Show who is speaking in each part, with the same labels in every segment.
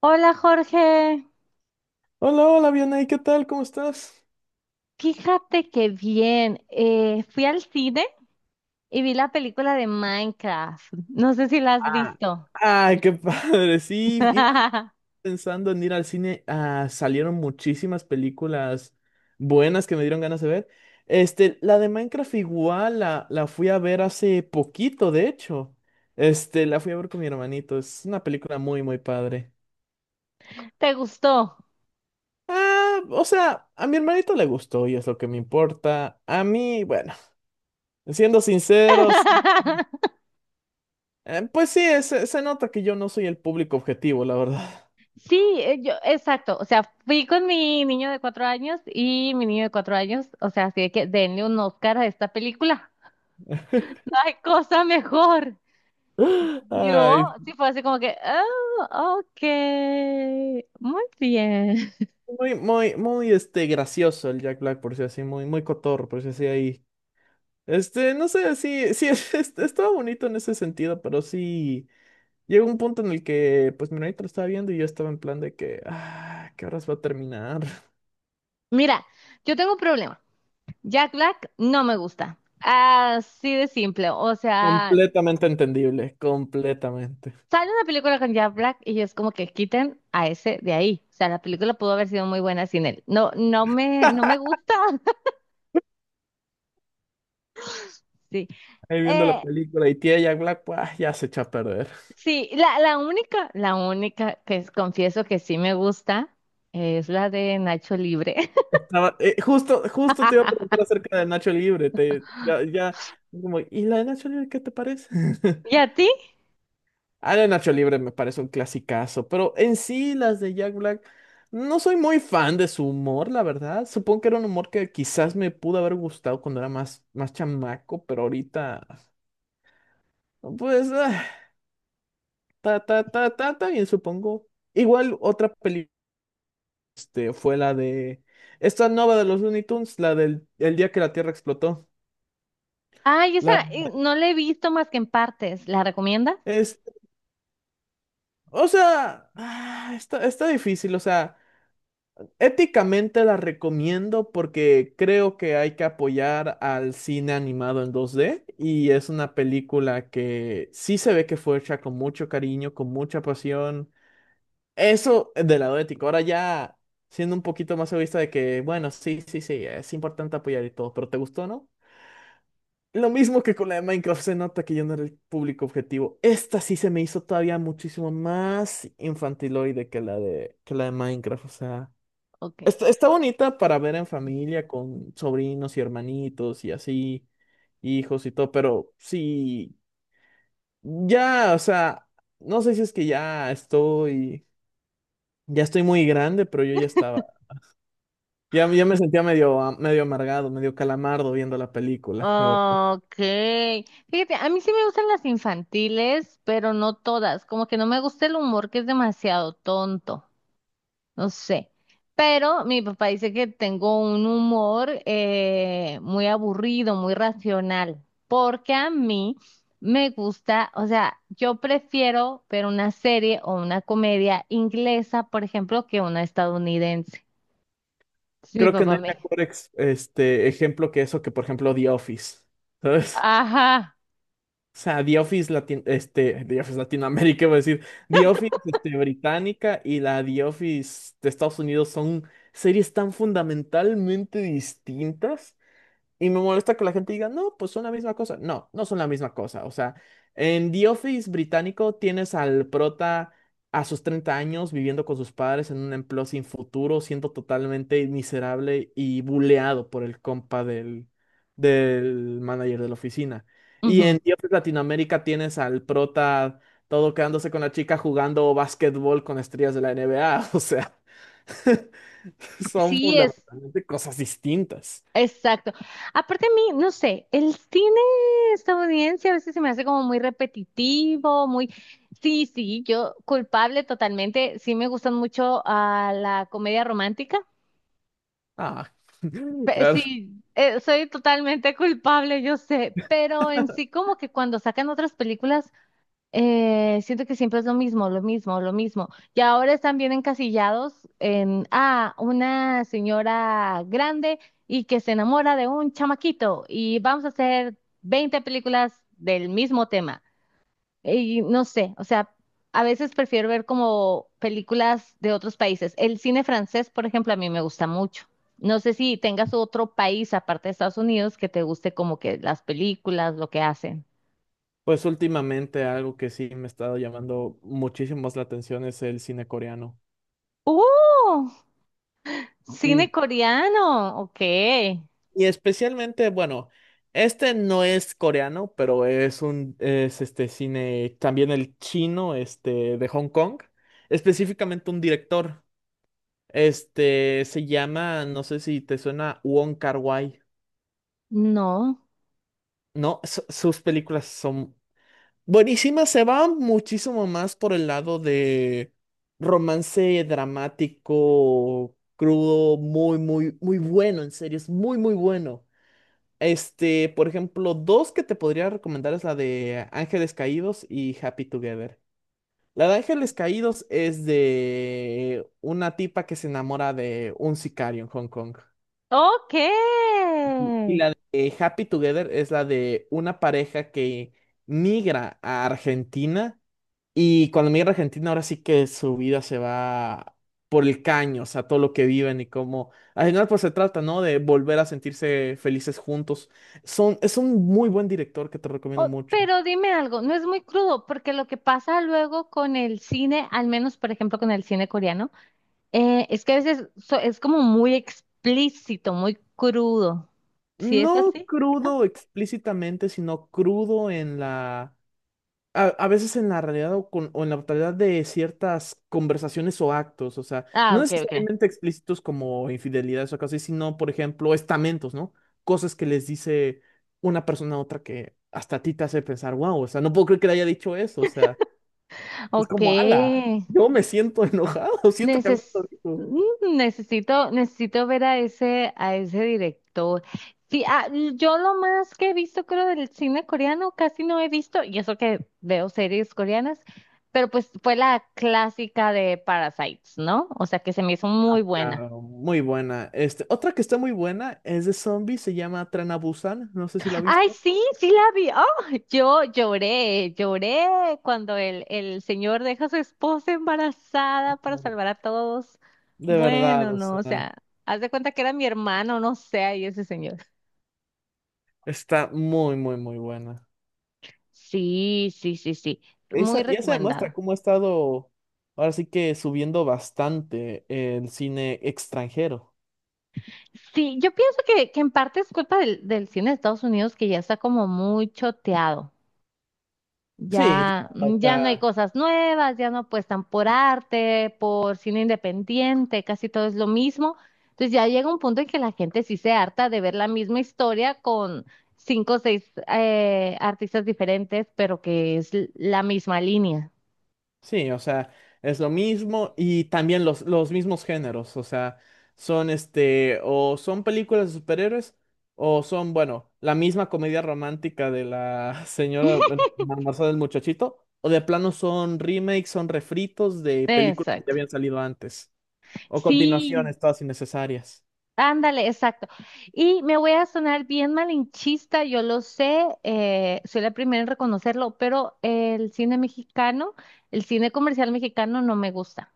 Speaker 1: Hola Jorge,
Speaker 2: Hola, hola, Vianey, ¿qué tal? ¿Cómo estás?
Speaker 1: fíjate que bien, fui al cine y vi la película de Minecraft. No sé si la has
Speaker 2: Ah,
Speaker 1: visto.
Speaker 2: Ay, qué padre. Sí, igual pensando en ir al cine, salieron muchísimas películas buenas que me dieron ganas de ver. La de Minecraft igual la fui a ver hace poquito, de hecho. La fui a ver con mi hermanito. Es una película muy, muy padre.
Speaker 1: ¿Te gustó?
Speaker 2: O sea, a mi hermanito le gustó y es lo que me importa. A mí, bueno, siendo sinceros, pues sí, se nota que yo no soy el público objetivo, la verdad.
Speaker 1: Sí, yo, exacto. O sea, fui con mi niño de 4 años y mi niño de cuatro años, o sea, así de que denle un Oscar a esta película. ¡Ay, cosa mejor! Yo
Speaker 2: Ay,
Speaker 1: sí fue así como que, oh, ok, muy bien.
Speaker 2: muy, muy, muy, gracioso el Jack Black, por si así, muy, muy cotorro, por si así ahí. No sé, sí, sí, estaba bonito en ese sentido, pero sí, llegó un punto en el que, pues, mi hermanito lo estaba viendo y yo estaba en plan de que, ¿qué horas va a terminar?
Speaker 1: Mira, yo tengo un problema. Jack Black no me gusta. Así de simple. O sea,
Speaker 2: Completamente entendible, completamente.
Speaker 1: sale una película con Jack Black y es como que quiten a ese de ahí. O sea, la película pudo haber sido muy buena sin él. No, no me gusta. Sí.
Speaker 2: Ahí viendo la
Speaker 1: Eh,
Speaker 2: película y tía Jack Black, pues, ya se echó a perder.
Speaker 1: sí, la única, la única confieso que sí me gusta es la de Nacho Libre.
Speaker 2: Justo, justo te iba a preguntar acerca de Nacho Libre, ya, ya, como, ¿y la de Nacho Libre qué te parece?
Speaker 1: ¿Y a ti?
Speaker 2: De Nacho Libre me parece un clasicazo, pero en sí las de Jack Black no soy muy fan de su humor, la verdad. Supongo que era un humor que quizás me pudo haber gustado cuando era más, más chamaco, pero ahorita, pues, ta, ta, ta, ta, ta, bien, supongo. Igual otra película fue la de esta nueva de los Looney Tunes, la del el día que la Tierra explotó.
Speaker 1: Ay, esa
Speaker 2: La,
Speaker 1: no la he visto más que en partes. ¿La recomiendas?
Speaker 2: es, o sea, está difícil, o sea. Éticamente la recomiendo porque creo que hay que apoyar al cine animado en 2D y es una película que sí se ve que fue hecha con mucho cariño, con mucha pasión. Eso del lado ético. Ahora ya siendo un poquito más egoísta de que, bueno, sí, sí, sí, es importante apoyar y todo, pero ¿te gustó, no? Lo mismo que con la de Minecraft, se nota que yo no era el público objetivo. Esta sí se me hizo todavía muchísimo más infantiloide que que la de Minecraft, o sea.
Speaker 1: Ok.
Speaker 2: Está bonita para ver en familia con sobrinos y hermanitos y así, hijos y todo, pero sí, ya, o sea, no sé si es que ya estoy muy grande, pero yo ya estaba, ya, ya me sentía medio, medio amargado, medio calamardo viendo la película, la verdad.
Speaker 1: Okay, fíjate, a mí sí me gustan las infantiles, pero no todas. Como que no me gusta el humor que es demasiado tonto. No sé. Pero mi papá dice que tengo un humor muy aburrido, muy racional. Porque a mí me gusta, o sea, yo prefiero ver una serie o una comedia inglesa, por ejemplo, que una estadounidense. Entonces, mi
Speaker 2: Creo que no
Speaker 1: papá
Speaker 2: hay
Speaker 1: me.
Speaker 2: mejor ejemplo que eso que, por ejemplo, The Office, ¿sabes?
Speaker 1: Ajá.
Speaker 2: O sea, The Office Latinoamérica, iba a decir, The Office, británica y la The Office de Estados Unidos son series tan fundamentalmente distintas y me molesta que la gente diga, no, pues son la misma cosa. No, no son la misma cosa. O sea, en The Office británico tienes al prota a sus 30 años viviendo con sus padres en un empleo sin futuro, siendo totalmente miserable y buleado por el compa del manager de la oficina. Y
Speaker 1: Ujú.
Speaker 2: en The Office Latinoamérica tienes al prota todo quedándose con la chica jugando básquetbol con estrellas de la NBA. O sea, son
Speaker 1: Sí es.
Speaker 2: fundamentalmente cosas distintas.
Speaker 1: Exacto. Aparte a mí, no sé, el cine estadounidense a veces se me hace como muy repetitivo, muy... Sí, sí, yo culpable totalmente. Sí me gustan mucho a la comedia romántica.
Speaker 2: Ah, claro.
Speaker 1: Sí, soy totalmente culpable, yo sé, pero en sí como que cuando sacan otras películas siento que siempre es lo mismo, lo mismo, lo mismo. Y ahora están bien encasillados en, ah, una señora grande y que se enamora de un chamaquito y vamos a hacer 20 películas del mismo tema. Y no sé, o sea, a veces prefiero ver como películas de otros países. El cine francés, por ejemplo, a mí me gusta mucho. No sé si tengas otro país aparte de Estados Unidos que te guste como que las películas, lo que hacen.
Speaker 2: Pues últimamente algo que sí me ha estado llamando muchísimo más la atención es el cine coreano.
Speaker 1: ¡Uh! Cine
Speaker 2: Sí.
Speaker 1: coreano, ok.
Speaker 2: Y especialmente, bueno, este no es coreano, pero es este cine, también el chino, de Hong Kong. Específicamente un director. Este se llama, no sé si te suena, Wong Kar-wai.
Speaker 1: No.
Speaker 2: No, sus películas son Buenísima, se va muchísimo más por el lado de romance dramático, crudo, muy, muy, muy bueno, en serio, es muy, muy bueno. Por ejemplo, dos que te podría recomendar es la de Ángeles Caídos y Happy Together. La de Ángeles Caídos es de una tipa que se enamora de un sicario en Hong Kong.
Speaker 1: Ok.
Speaker 2: Happy Together es la de una pareja que migra a Argentina. Y cuando me a Argentina, ahora sí que su vida se va por el caño, o sea, todo lo que viven y cómo. Al final, pues se trata, ¿no? De volver a sentirse felices juntos. Es un muy buen director que te recomiendo mucho.
Speaker 1: Pero dime algo, no es muy crudo, porque lo que pasa luego con el cine, al menos por ejemplo con el cine coreano, es que a veces es como muy explícito, muy crudo. ¿Sí es
Speaker 2: No
Speaker 1: así?
Speaker 2: crudo explícitamente, sino crudo en la a veces en la realidad o, o en la brutalidad de ciertas conversaciones o actos, o sea,
Speaker 1: Ah,
Speaker 2: no
Speaker 1: ok, ok.
Speaker 2: necesariamente explícitos como infidelidades o cosas, así, sino, por ejemplo, estamentos, ¿no? Cosas que les dice una persona a otra que hasta a ti te hace pensar, wow, o sea, no puedo creer que le haya dicho eso, o sea, es
Speaker 1: Ok.
Speaker 2: como, ala, yo me siento enojado, siento que a mí me
Speaker 1: Neces-
Speaker 2: lo dijo.
Speaker 1: necesito, necesito ver a ese director. Sí, yo lo más que he visto, creo, del cine coreano, casi no he visto, y eso que veo series coreanas, pero pues fue la clásica de Parasites, ¿no? O sea, que se me hizo muy buena.
Speaker 2: Claro, muy buena. Otra que está muy buena es de zombies, se llama Tren a Busan, no sé si la
Speaker 1: Ay,
Speaker 2: viste.
Speaker 1: sí, sí la vi. Oh, yo lloré, lloré cuando el señor deja a su esposa embarazada para salvar a todos.
Speaker 2: De verdad,
Speaker 1: Bueno,
Speaker 2: o
Speaker 1: no, o
Speaker 2: sea.
Speaker 1: sea, haz de cuenta que era mi hermano, no sé, ahí ese señor.
Speaker 2: Está muy, muy, muy buena.
Speaker 1: Sí, sí, sí, sí, muy
Speaker 2: Esa, ya se demuestra
Speaker 1: recomendada.
Speaker 2: cómo ha estado, ahora sí que subiendo bastante el cine extranjero.
Speaker 1: Sí, yo pienso que en parte es culpa del cine de Estados Unidos que ya está como muy choteado.
Speaker 2: Sí, ya,
Speaker 1: Ya, mm,
Speaker 2: o
Speaker 1: ya no hay
Speaker 2: sea,
Speaker 1: cosas nuevas, ya no apuestan por arte, por cine independiente, casi todo es lo mismo. Entonces ya llega un punto en que la gente sí se harta de ver la misma historia con cinco o seis artistas diferentes, pero que es la misma línea.
Speaker 2: sí, o sea, es lo mismo y también los mismos géneros, o sea, son o son películas de superhéroes o son, bueno, la misma comedia romántica de la señora bueno, Marcela del Muchachito, o de plano son remakes, son refritos de películas que ya
Speaker 1: Exacto.
Speaker 2: habían salido antes. O
Speaker 1: Sí,
Speaker 2: continuaciones todas innecesarias.
Speaker 1: ándale, exacto. Y me voy a sonar bien malinchista, yo lo sé, soy la primera en reconocerlo, pero el cine mexicano, el cine comercial mexicano no me gusta.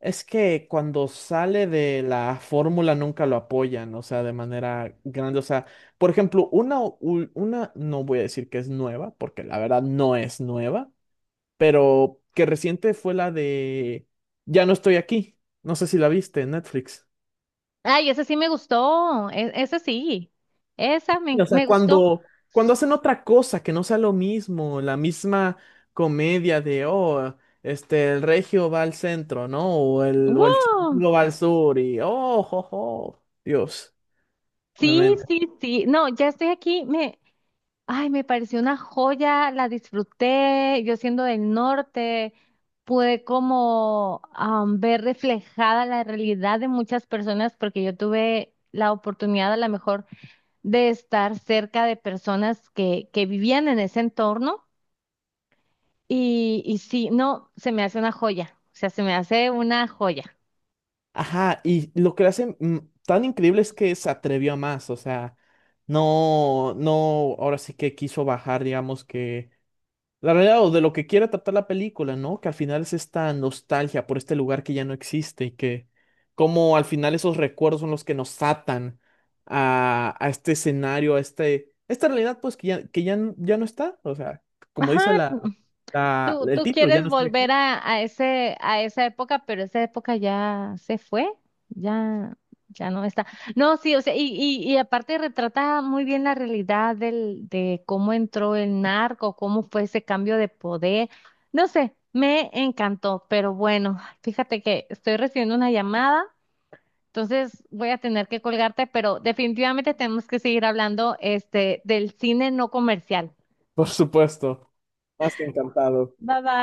Speaker 2: Es que cuando sale de la fórmula nunca lo apoyan, o sea, de manera grande. O sea, por ejemplo, una, no voy a decir que es nueva, porque la verdad no es nueva, pero que reciente fue la de Ya no estoy aquí. No sé si la viste en Netflix.
Speaker 1: Ay, ese sí me gustó, ese sí, esa me,
Speaker 2: O sea,
Speaker 1: me gustó.
Speaker 2: cuando hacen otra cosa que no sea lo mismo, la misma comedia de, oh, el regio va al centro, ¿no? O el chico
Speaker 1: ¡Wow!
Speaker 2: va al sur y, oh, jo, jo, Dios. me-
Speaker 1: Sí,
Speaker 2: me-
Speaker 1: sí, sí, no, ya estoy aquí, me, ay, me pareció una joya, la disfruté, yo siendo del norte, pude como am, ver reflejada la realidad de muchas personas porque yo tuve la oportunidad a lo mejor de estar cerca de personas que vivían en ese entorno y sí, no, se me hace una joya, o sea, se me hace una joya.
Speaker 2: Ajá, y lo que lo hace tan increíble es que se atrevió a más, o sea, no, no, ahora sí que quiso bajar, digamos que la realidad o de lo que quiere tratar la película, ¿no? Que al final es esta nostalgia por este lugar que ya no existe y que como al final esos recuerdos son los que nos atan a este escenario, esta realidad pues que ya, ya no está. O sea, como
Speaker 1: Ajá,
Speaker 2: dice
Speaker 1: tú,
Speaker 2: el
Speaker 1: tú
Speaker 2: título, ya
Speaker 1: quieres
Speaker 2: no estoy
Speaker 1: volver
Speaker 2: aquí.
Speaker 1: a ese, a esa época, pero esa época ya se fue, ya, ya no está. No, sí, o sea, y aparte retrata muy bien la realidad del, de cómo entró el narco, cómo fue ese cambio de poder. No sé, me encantó, pero bueno, fíjate que estoy recibiendo una llamada, entonces voy a tener que colgarte, pero definitivamente tenemos que seguir hablando, este, del cine no comercial.
Speaker 2: Por supuesto, más que encantado.
Speaker 1: Bye bye.